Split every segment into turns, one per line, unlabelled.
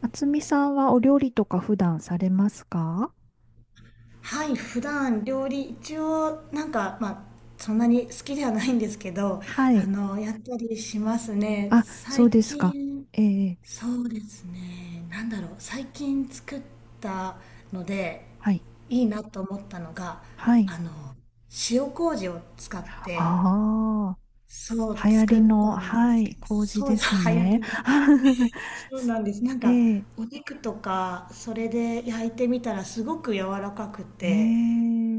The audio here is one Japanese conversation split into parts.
厚みさんはお料理とか普段されますか？
はい、普段料理一応なんかまあ、そんなに好きではないんですけど、
はい。
やったりしますね、
あ、そ
最
うですか。
近。
ええ、
そうですね、なんだろう、最近作ったので
はい。
いいなと思ったのが、
はい。
あの塩麹を使って
あ
そう
あ、流行
作
り
っ
の、
たんで
は
すけ
い、
ど、
麹
そう
です
そう流行り
ね。
の。 そうなんです、なん
え
か
え、
お肉とかそれで焼いてみたらすごく柔らかく
え
て、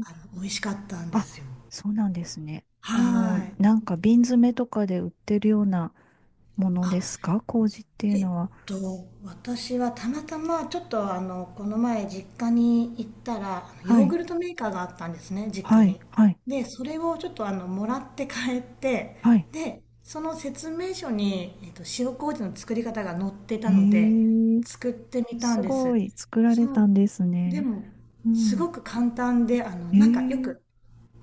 美味しかったんで
あ、
すよ。
そうなんですね。
はい。
なんか瓶詰めとかで売ってるようなもの
あ、
ですか、麹っていう
えっ
のは。
私はたまたまちょっとこの前実家に行ったら、あの
は
ヨー
い、
グルトメーカーがあったんですね、実
は
家
い、
に。
はい、
で、それをちょっともらって帰って、
はい。
で、その説明書に、塩麹の作り方が載って
え
たので、
え、
作ってみたん
す
で
ご
す。
い、作られ
そ
たん
う。
です
で
ね。
も、
う
す
ん。
ごく簡単で、なんかよ
え
く
え、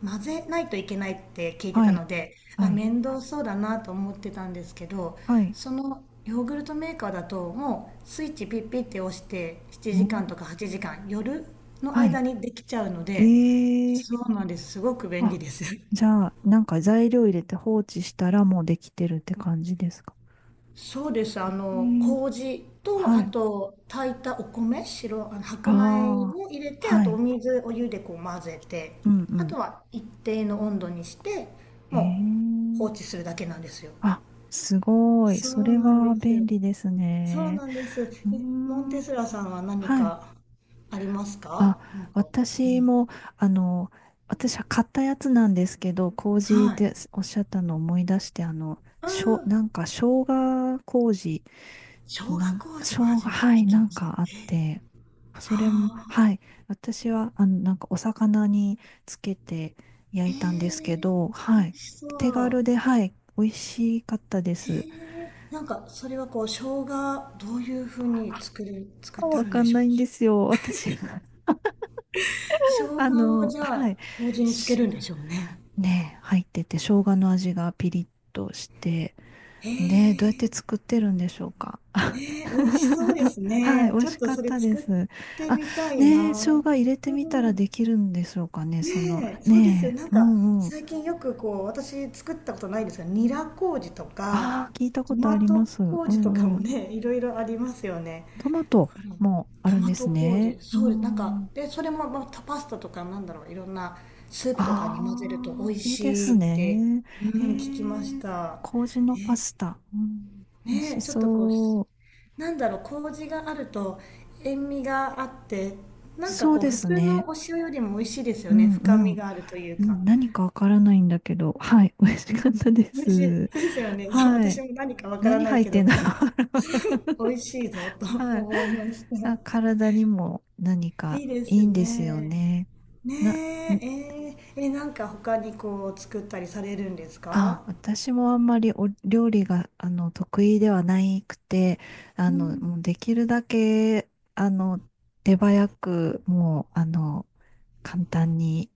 混ぜないといけないって聞いて
は
た
い、
ので、
は
あ、
い、
面倒そうだなと思ってたんですけど、
はい、
そのヨーグルトメーカーだともうスイッチピッピッて押して7
う
時
ん、
間とか8時間、夜の
は
間にできちゃうので。
い。え
そ
え、
うなんです。すごく便利
あ、
です。
じゃあ、なんか材料入れて放置したらもうできてるって感じですか？
そうです。
ええ、
麹と、
は
あ
い、
と、炊いたお米、白、
あ
白米
あ、
を入れて、あ
は
とお
い、
水、お湯でこう混ぜて、
うん、う
あと
ん。
は一定の温度にして、もう放置
ええ、
するだけなんですよ。
あ、すごい。
そ
そ
う
れ
なん
は
で
便
す。
利です
そう
ね。
なんです。
うー
え、モン
ん、
テスラさんは何
はい。
かありますか、
あ、
うんと。
私も、あの、私は買ったやつなんですけど、麹っ
はい。
ておっしゃったのを思い出して、
うん。
なんか生姜麹、
小学校
生
は
姜、
初めて
はい、
聞き
なん
ました。
かあっ
えー、
て、それも、
はあ。
はい、私は、なんかお魚につけて焼
え
いたんです
ー、
けど、
美
はい、
味しそ
手
う。
軽で、はい、美味しかったで
へ
す。
え。なんか、それはこう、生姜、どういうふうに作る、作っ
あ、
てあ
わ
るん
か
で
ん
しょ
な
う。
いんですよ、私。
生姜をじゃ
は
あ、
い。
麹につけるんでしょうね。
ね、入ってて、生姜の味がピリッとして、
へ
で、どうやって
え、
作ってるんでしょうか。
ね、美味しそうで す
はい、
ね。
美味
ちょっ
し
と
かっ
それ
たで
作
す。
って
あ、
みたい
ねえ、生姜
な。
入れて
う
みたら
ん。
できるんでしょうかね、その、
ねえ、そうですよ。
ね
なん
え、う
か、
んうん。
最近よくこう、私作ったことないですが、ニラ麹とか、
ああ、聞いた
ト
ことあ
マ
り
ト
ます。う
麹とか
んう
も
ん。
ね、いろいろありますよね。
トマト
だから、
もあ
ト
るん
マ
です
ト
ね。
麹、
う
そうです。なんか、
ん。
で、それも、まあ、パスタとかなんだろう、いろんなスープとかに混ぜると
ああ、
美味
いいで
し
す
いって、
ね。
う
え
ん、聞きまし
え、
た。
麹のパスタ。うん、美味
ね
し
え、ちょっとこう、
そう。
なんだろう、麹があると塩味があって、なんか
そう
こう
で
普
す
通
ね。
のお塩よりも美味しいです
う
よね。
んう
深み
ん。
があるという
う
か。
ん、何かわからないんだけど、はい、美味し
う
かっ
ん、
たで
美味し
す。
いですよね。そう、
は
私
い。
も何かわから
何
ない
入っ
け
て
ど、
んだろ う。
美味しいぞと
はい。
思いまし
あ、
た。
体にも何
い
か
いです
いいんですよ
ね。
ね。
ね
な、ん
え、なんか他にこう作ったりされるんです
あ、
か。
私もあんまりお料理が、得意ではないくて、
うん、
もうできるだけ、あの、手早く、もう、簡単に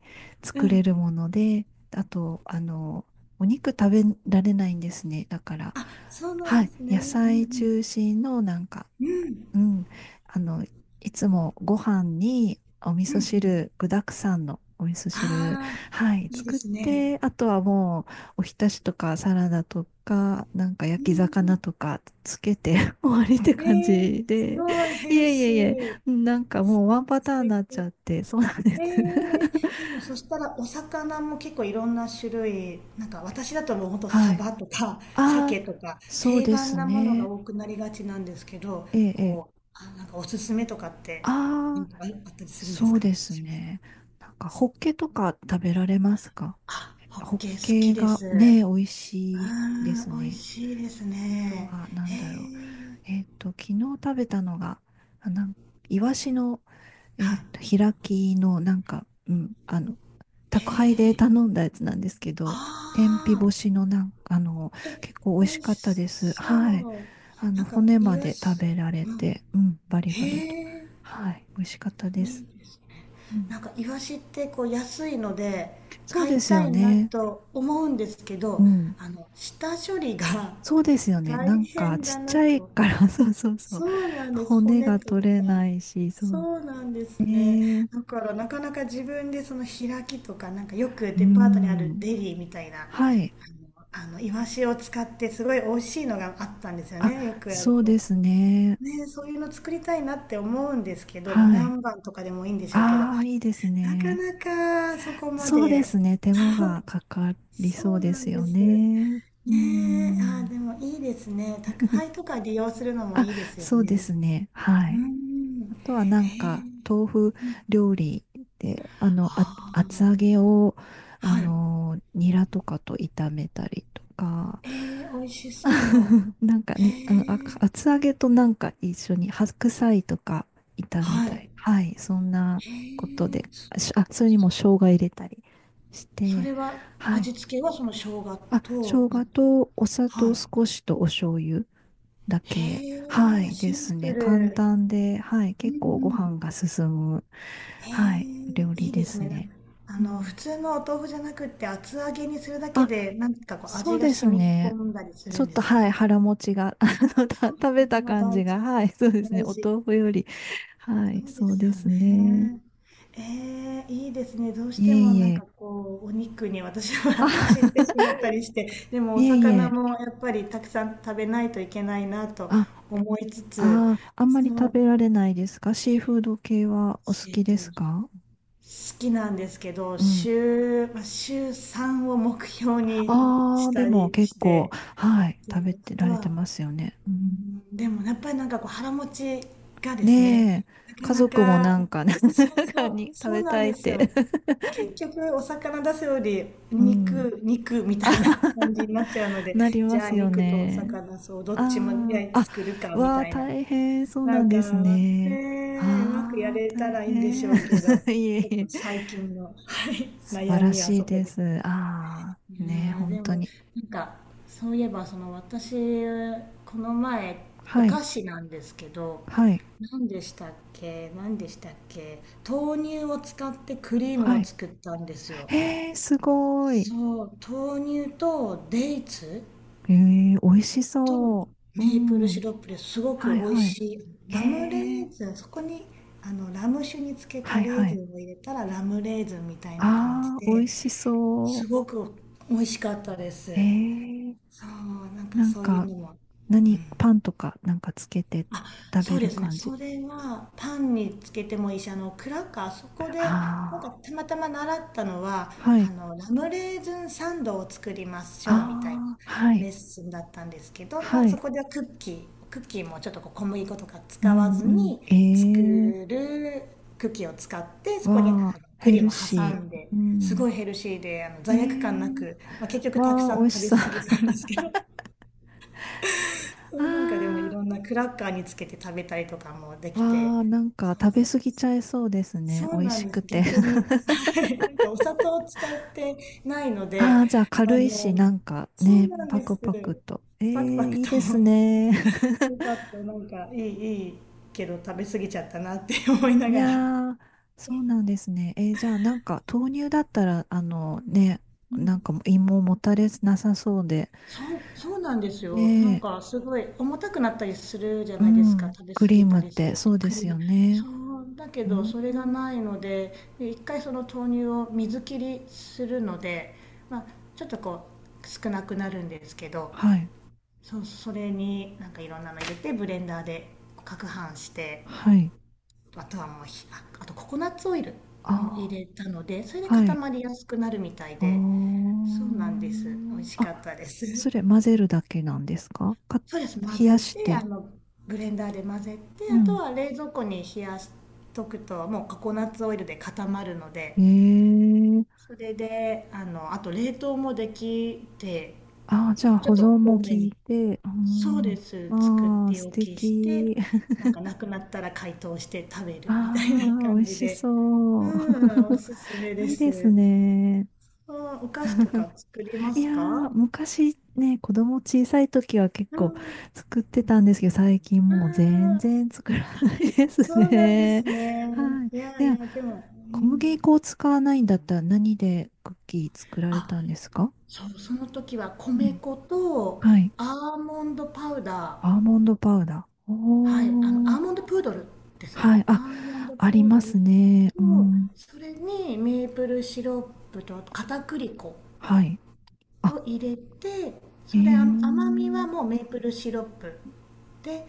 う
作れ
ん。
るもので、あと、お肉食べられないんですね。だから、
あ、そうなん
は
で
い、
すね。う
野菜
ん、
中心のなんか、
うん。うん、
うん、あの、いつもご飯にお味
うん、う
噌
ん。
汁、具沢山のお味噌汁、
ああ、
はい、
いいで
作っ
すね。
て、あとはもう、おひたしとかサラダとか、なんか
う
焼き魚
ん、
とかつけて 終わりって
え
感
ー、
じ
す
で、
ごいヘ
い
ル
えい
シ
えいえ、
ー。
なんかもうワンパタ
素
ーンに
敵。
なっちゃって、そうなんです。
えー、でもそしたらお魚も結構いろんな種類、なんか私だともうほんと
は
サ
い。
バとか
あ
鮭
あ、
とか
そう
定
で
番
す
なものが
ね。
多くなりがちなんですけど、
ええ、ええ。
こう、あ、なんかおすすめとかって、な
あ
んか
あ、
あったりするんで
そ
す
う
か、
です
しますか。
ね。なんか、ホッケとか食べられますか？
あ、ホッ
ホッ
ケー好き
ケ
で
が
す。う
ね、美味
ー
しいで
ん、
す
美味
ね。
しいです
あと
ね。
は、なん
へ
だろう。
え、
昨日食べたのが、あ、なん、イワシの
はい。
開きの、なんか、うん、
へ
宅配で
え、
頼んだやつなんですけど、天日
ああ、
干しのなんか、
え、
結構美味
美
し
味
かった
し
です。はい。
そう。なんか、
骨
イ
ま
ワ
で食
シ、
べられ
うん。
て、うん、バリバ
へ
リと。
え、
はい、美味しかったで
い
す。
いですね。
うん、
なんか、イワシってこう安いので、
そう
買い
です
た
よ
いな
ね。
と思うんですけ
う
ど、
ん。
下処理が
そうですよね。
大
なんか、
変
ち
だ
っち
な
ゃい
と。
から そうそうそう。
そうなんです。
骨
骨
が
と
取れ
か。
ないし、そう。
そうなんです
え
ね。
ー、
だからなかなか自分でその開きとか、なんかよく
う
デパートにある
ん。
デリーみたいな、あの、
はい。
あのイワシを使ってすごい美味しいのがあったんですよ
あ、
ね。よくある
そうで
こ
す
う。
ね。
ね、そういうの作りたいなって思うんですけど、まあ、
はい。
何番とかでもいいんでしょうけど、
ああ、いいです
なか
ね。
なかそこま
そうです
で。
ね。手間
そう、
がかかりそ
そ
う
う
で
な
す
んで
よ
す。
ね。う
ねえ、あー、
ん。
でもいいですね。宅配とか利用するのも
あ、
いいですよ
そうで
ね。
すね。は
うー
い。
ん。
あとはな
え
ん
え。
か、豆腐
うん。
料理で、厚揚
あ
げを、
あ。はい。
ニラとかと炒めたりとか、
えー、美味しそう。
なんか
へえ
に、
ー。
厚揚げとなんか一緒に白菜とか炒め
はい。
た
へ
り、はい、そんな
え
こと
ー。
で、
そ、
それにも生姜入れたりし
そ
て、
れは、
はい。
味付けはその生姜
あ、
と、
生姜とお砂
は
糖
い。
少しとお醤油だけ、
へえ
は
ー、
い、
シ
で
ン
す
プ
ね。簡
ル。
単で、はい、
うん、
結
う
構ご
ん。
飯が進む、
えー、
はい、料
い
理
いで
で
す
す
ね。な、
ね。う
普
ん、
通のお豆腐じゃなくって、厚揚げにするだけで、
あ、
なんかこう
そ
味
う
が
で
染
す
み込
ね。
んだりす
ち
る
ょ
ん
っ
で
と、
すか？
はい、
そ
腹持ちが、食べた
れは
感
大
じ
事、
が、はい、そうですね。
大
お
事。
豆腐より、は
そ
い、
うで
そう
すよ
ですね。
ね。ええ、いいですね。どうし
い
て
え
も
い
なんか
え。
こう、お肉に私
あ、
は 走ってしま ったりして、でもお
いえい
魚
え。
もやっぱりたくさん食べないといけないなと
あ、
思いつつ、
あー、あんまり
そ
食
う、
べられないですか、シーフード系はお好
えっ
き
と、
ですか？
好きなんですけど、
うん。
週、まあ、週3を目標に
あ
し
あ、で
た
も
りし
結構、
て、
はい、食
で、
べて
あ
ら
と
れて
は、
ますよね。うん、
でもやっぱりなんかこう腹持ちがです
ねえ、
ね、なか
家
な
族もな
か、
んかね、中に食
そう
べ
なん
たいっ
です
て。
よ。結局お魚出すより
うん。
肉、肉み
あ、
たいな 感じになっちゃうので、
なり
じ
ま
ゃあ
すよ
肉とお
ね。
魚、そう、どっちも
あ
焼
あ、
い
あ、
作るかみ
わあ、
たいな。
大変、そう
な
な
ん
んです
か、
ね。
ねえ、うまくや
ああ、
れた
大
らいいんでし
変。
ょうけど、
いえ
ちょっ
い
と
え。
最近の、はい、
素晴
悩
ら
みは
しい
そこ
で
です。
す。ああ、
いや
ねえ、
ー、
本
で
当
も、
に。
なんか、そういえばその、私この前お
はい、
菓子なんですけど、
はい、
何でしたっけ、豆乳を使ってクリーム
は
を
い。
作ったんですよ。
へえ、すごい。
そう、豆乳とデイツ
ええ、美味し
と
そう。う
メープルシ
ん。
ロップですご
は
く
い、
美味
は
し
い。
い、
え
ラムレ
え、
ーズン、そこにラム酒につけ
は
た
い、
レー
は
ズ
い。
ンを入れたらラムレーズンみたいな感じ
ああ、美
で、
味しそう。
すごく美味しかったで
え
す。
え、
そう、なんか
なん
そういう
か、
のも。
何、パンとかなんかつけて
あ、
食
そ
べ
うで
る
すね。
感
そ
じ。
れはパンにつけてもいいし、クラッカー、そこで、なんか
あ
たまたま習ったのは、
あ、はい。
ラムレーズンサンドを作りまし
あ
ょうみたいな
あ、はい。
レッスンだったんですけど、ま
は
あ、そ
い。
こではクッキーもちょっとこう小麦粉とか
う
使わ
ん、
ず
うん。
に作
ええ、
るクッキーを使って、そこに
わあ、ヘ
栗
ル
も挟
シ
んで、
ー。う
す
ん。
ごいヘルシーで、
え
罪悪感な
え、
く、まあ、結局たく
わあ、
さ
美
ん
味
食
し
べ
そう。
過ぎた
あ
んですけど、そう、なんかでもいろんなクラッカーにつけて食べたりとかもで
あ、
きて、
わあ、なんか
そう、
食べ過ぎちゃいそうですね。
そ
美
う
味
なん
し
で
く
す。
て。
逆 に、はい、なんかお砂糖を使ってないの
あ
で、
あ、じゃあ
あ
軽いし、
の、
なんか
そう
ね、
なん
パ
で
ク
す。
パクと。え
パクパ
え、
ク
いい
と、
です
よ
ね。
かっ た、いいけど食べ過ぎちゃったなって思いな
い
がら。
やー、そうなんですね。えー、じゃあなんか豆乳だったら、あのね、
う
なんか
ん、
も芋もたれなさそうで、
そうなんですよ。なん
ね
かすごい重たくなったりするじゃ
え、う
ないですか。
ん。
食べ過
クリー
ぎた
ムっ
りす
て、
る
そ
と
うで
クリ
す
ーム。
よね。
そう、だけ
う
どそれが
ん。
ないので、で一回その豆乳を水切りするので、まあ、ちょっとこう少なくなるんですけど、
はい。
そう、それになんかいろんなの入れてブレンダーで攪拌して、
はい。
あとはもうひ、あ、あとココナッツオイルも入
あ
れたので、それで
あ、は
固
い。
まりやすくなるみたいで、
あ
そうなんです。美味し
あ。
かっ
あ、
たです。
それ混ぜるだけなんですかか、
そうです。混
冷
ぜ
やし
て、
て。
ブレンダーで混ぜて、
う
あと
ん。
は冷蔵庫に冷やしとくと、もうココナッツオイルで固まるので、
ええ。
それで、あと冷凍もできて、
ああ、じゃあ
ちょ
保
っ
存
と
も
多
効
め
い
に、
て。う
そうで
ん。
す。作っ
まあ、
て
素
おきし
敵。
て、なんかなくなったら解凍して食べ
あ
るみたいな
あ、美
感
味
じ
し
で。
そう。
うん、おすすめ で
いいです
す。
ね。
あ、お菓子とか作りま
い
す
やー、
か。
昔ね、子供小さい時は結
うん、
構
う
作ってたんですけど、最近もう
ん。
全然作ら
あ、
ないです
そうなんで
ね。
すね。
はい。
いや
で
い
は、
や、でも、う
小麦
ん。
粉を使わないんだったら何でクッキー作られ
あ、
たんですか？
そう、その時は
う
米
ん。
粉と
はい。
アーモンドパウダー。
アーモンドパウダー。
はい、ア
おー。
ーモンドプードルですね。
はい。
ア
あ、
ーモンド
あ
プ
り
ー
ま
ドル
すね。う
と、
ん。
それにメープルシロップと片栗粉
はい。あ、
を入れて、
え
それ、甘みは
ー。
もうメープルシロップで、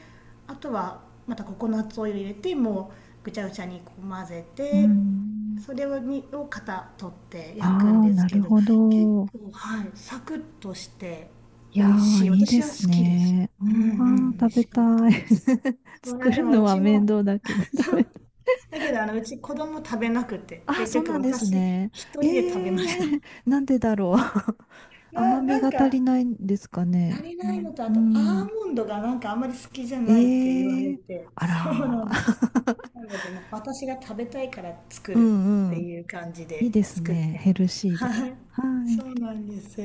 あとはまたココナッツオイル入れても、うぐちゃぐちゃにこう混ぜ
う
て、
ん。
それを型取って焼くん
ああ、
です
な
け
る
ど、
ほ
結
ど。
構はいサクッとして
い
美
や
味し
ー、
い、
いいで
私は
す
好きです。
ね。あ
うん、う
ー、
ん、美味
食べ
しか
た
った
い。
です。 そりゃ、
作
で
る
もう
のは
ち
面
も、
倒だけど、
そ
食
う
べたい。
だけど、うち子供食べなくて
あー、
結
そう
局
なんです
私
ね。
一
え
人で食
ー、
べました。
なんでだろう。甘
な、
み
な
が
ん
足
か
りないんですか
足
ね。
り
う
ない
ん。
のと、あ
う
とアー
ん、
モンドがなんかあんまり好きじゃ
え
ないって言われ
ー、
て、
あ
そう
ら
なんです。
ー。
なので、まあ、私が食べたいから 作
う
るっ
んう
て
ん。
いう感じ
い
で
いです
作っ
ね。
て
ヘ
ま
ル
す。
シーで。
はい。
は
そう
い。
なんです。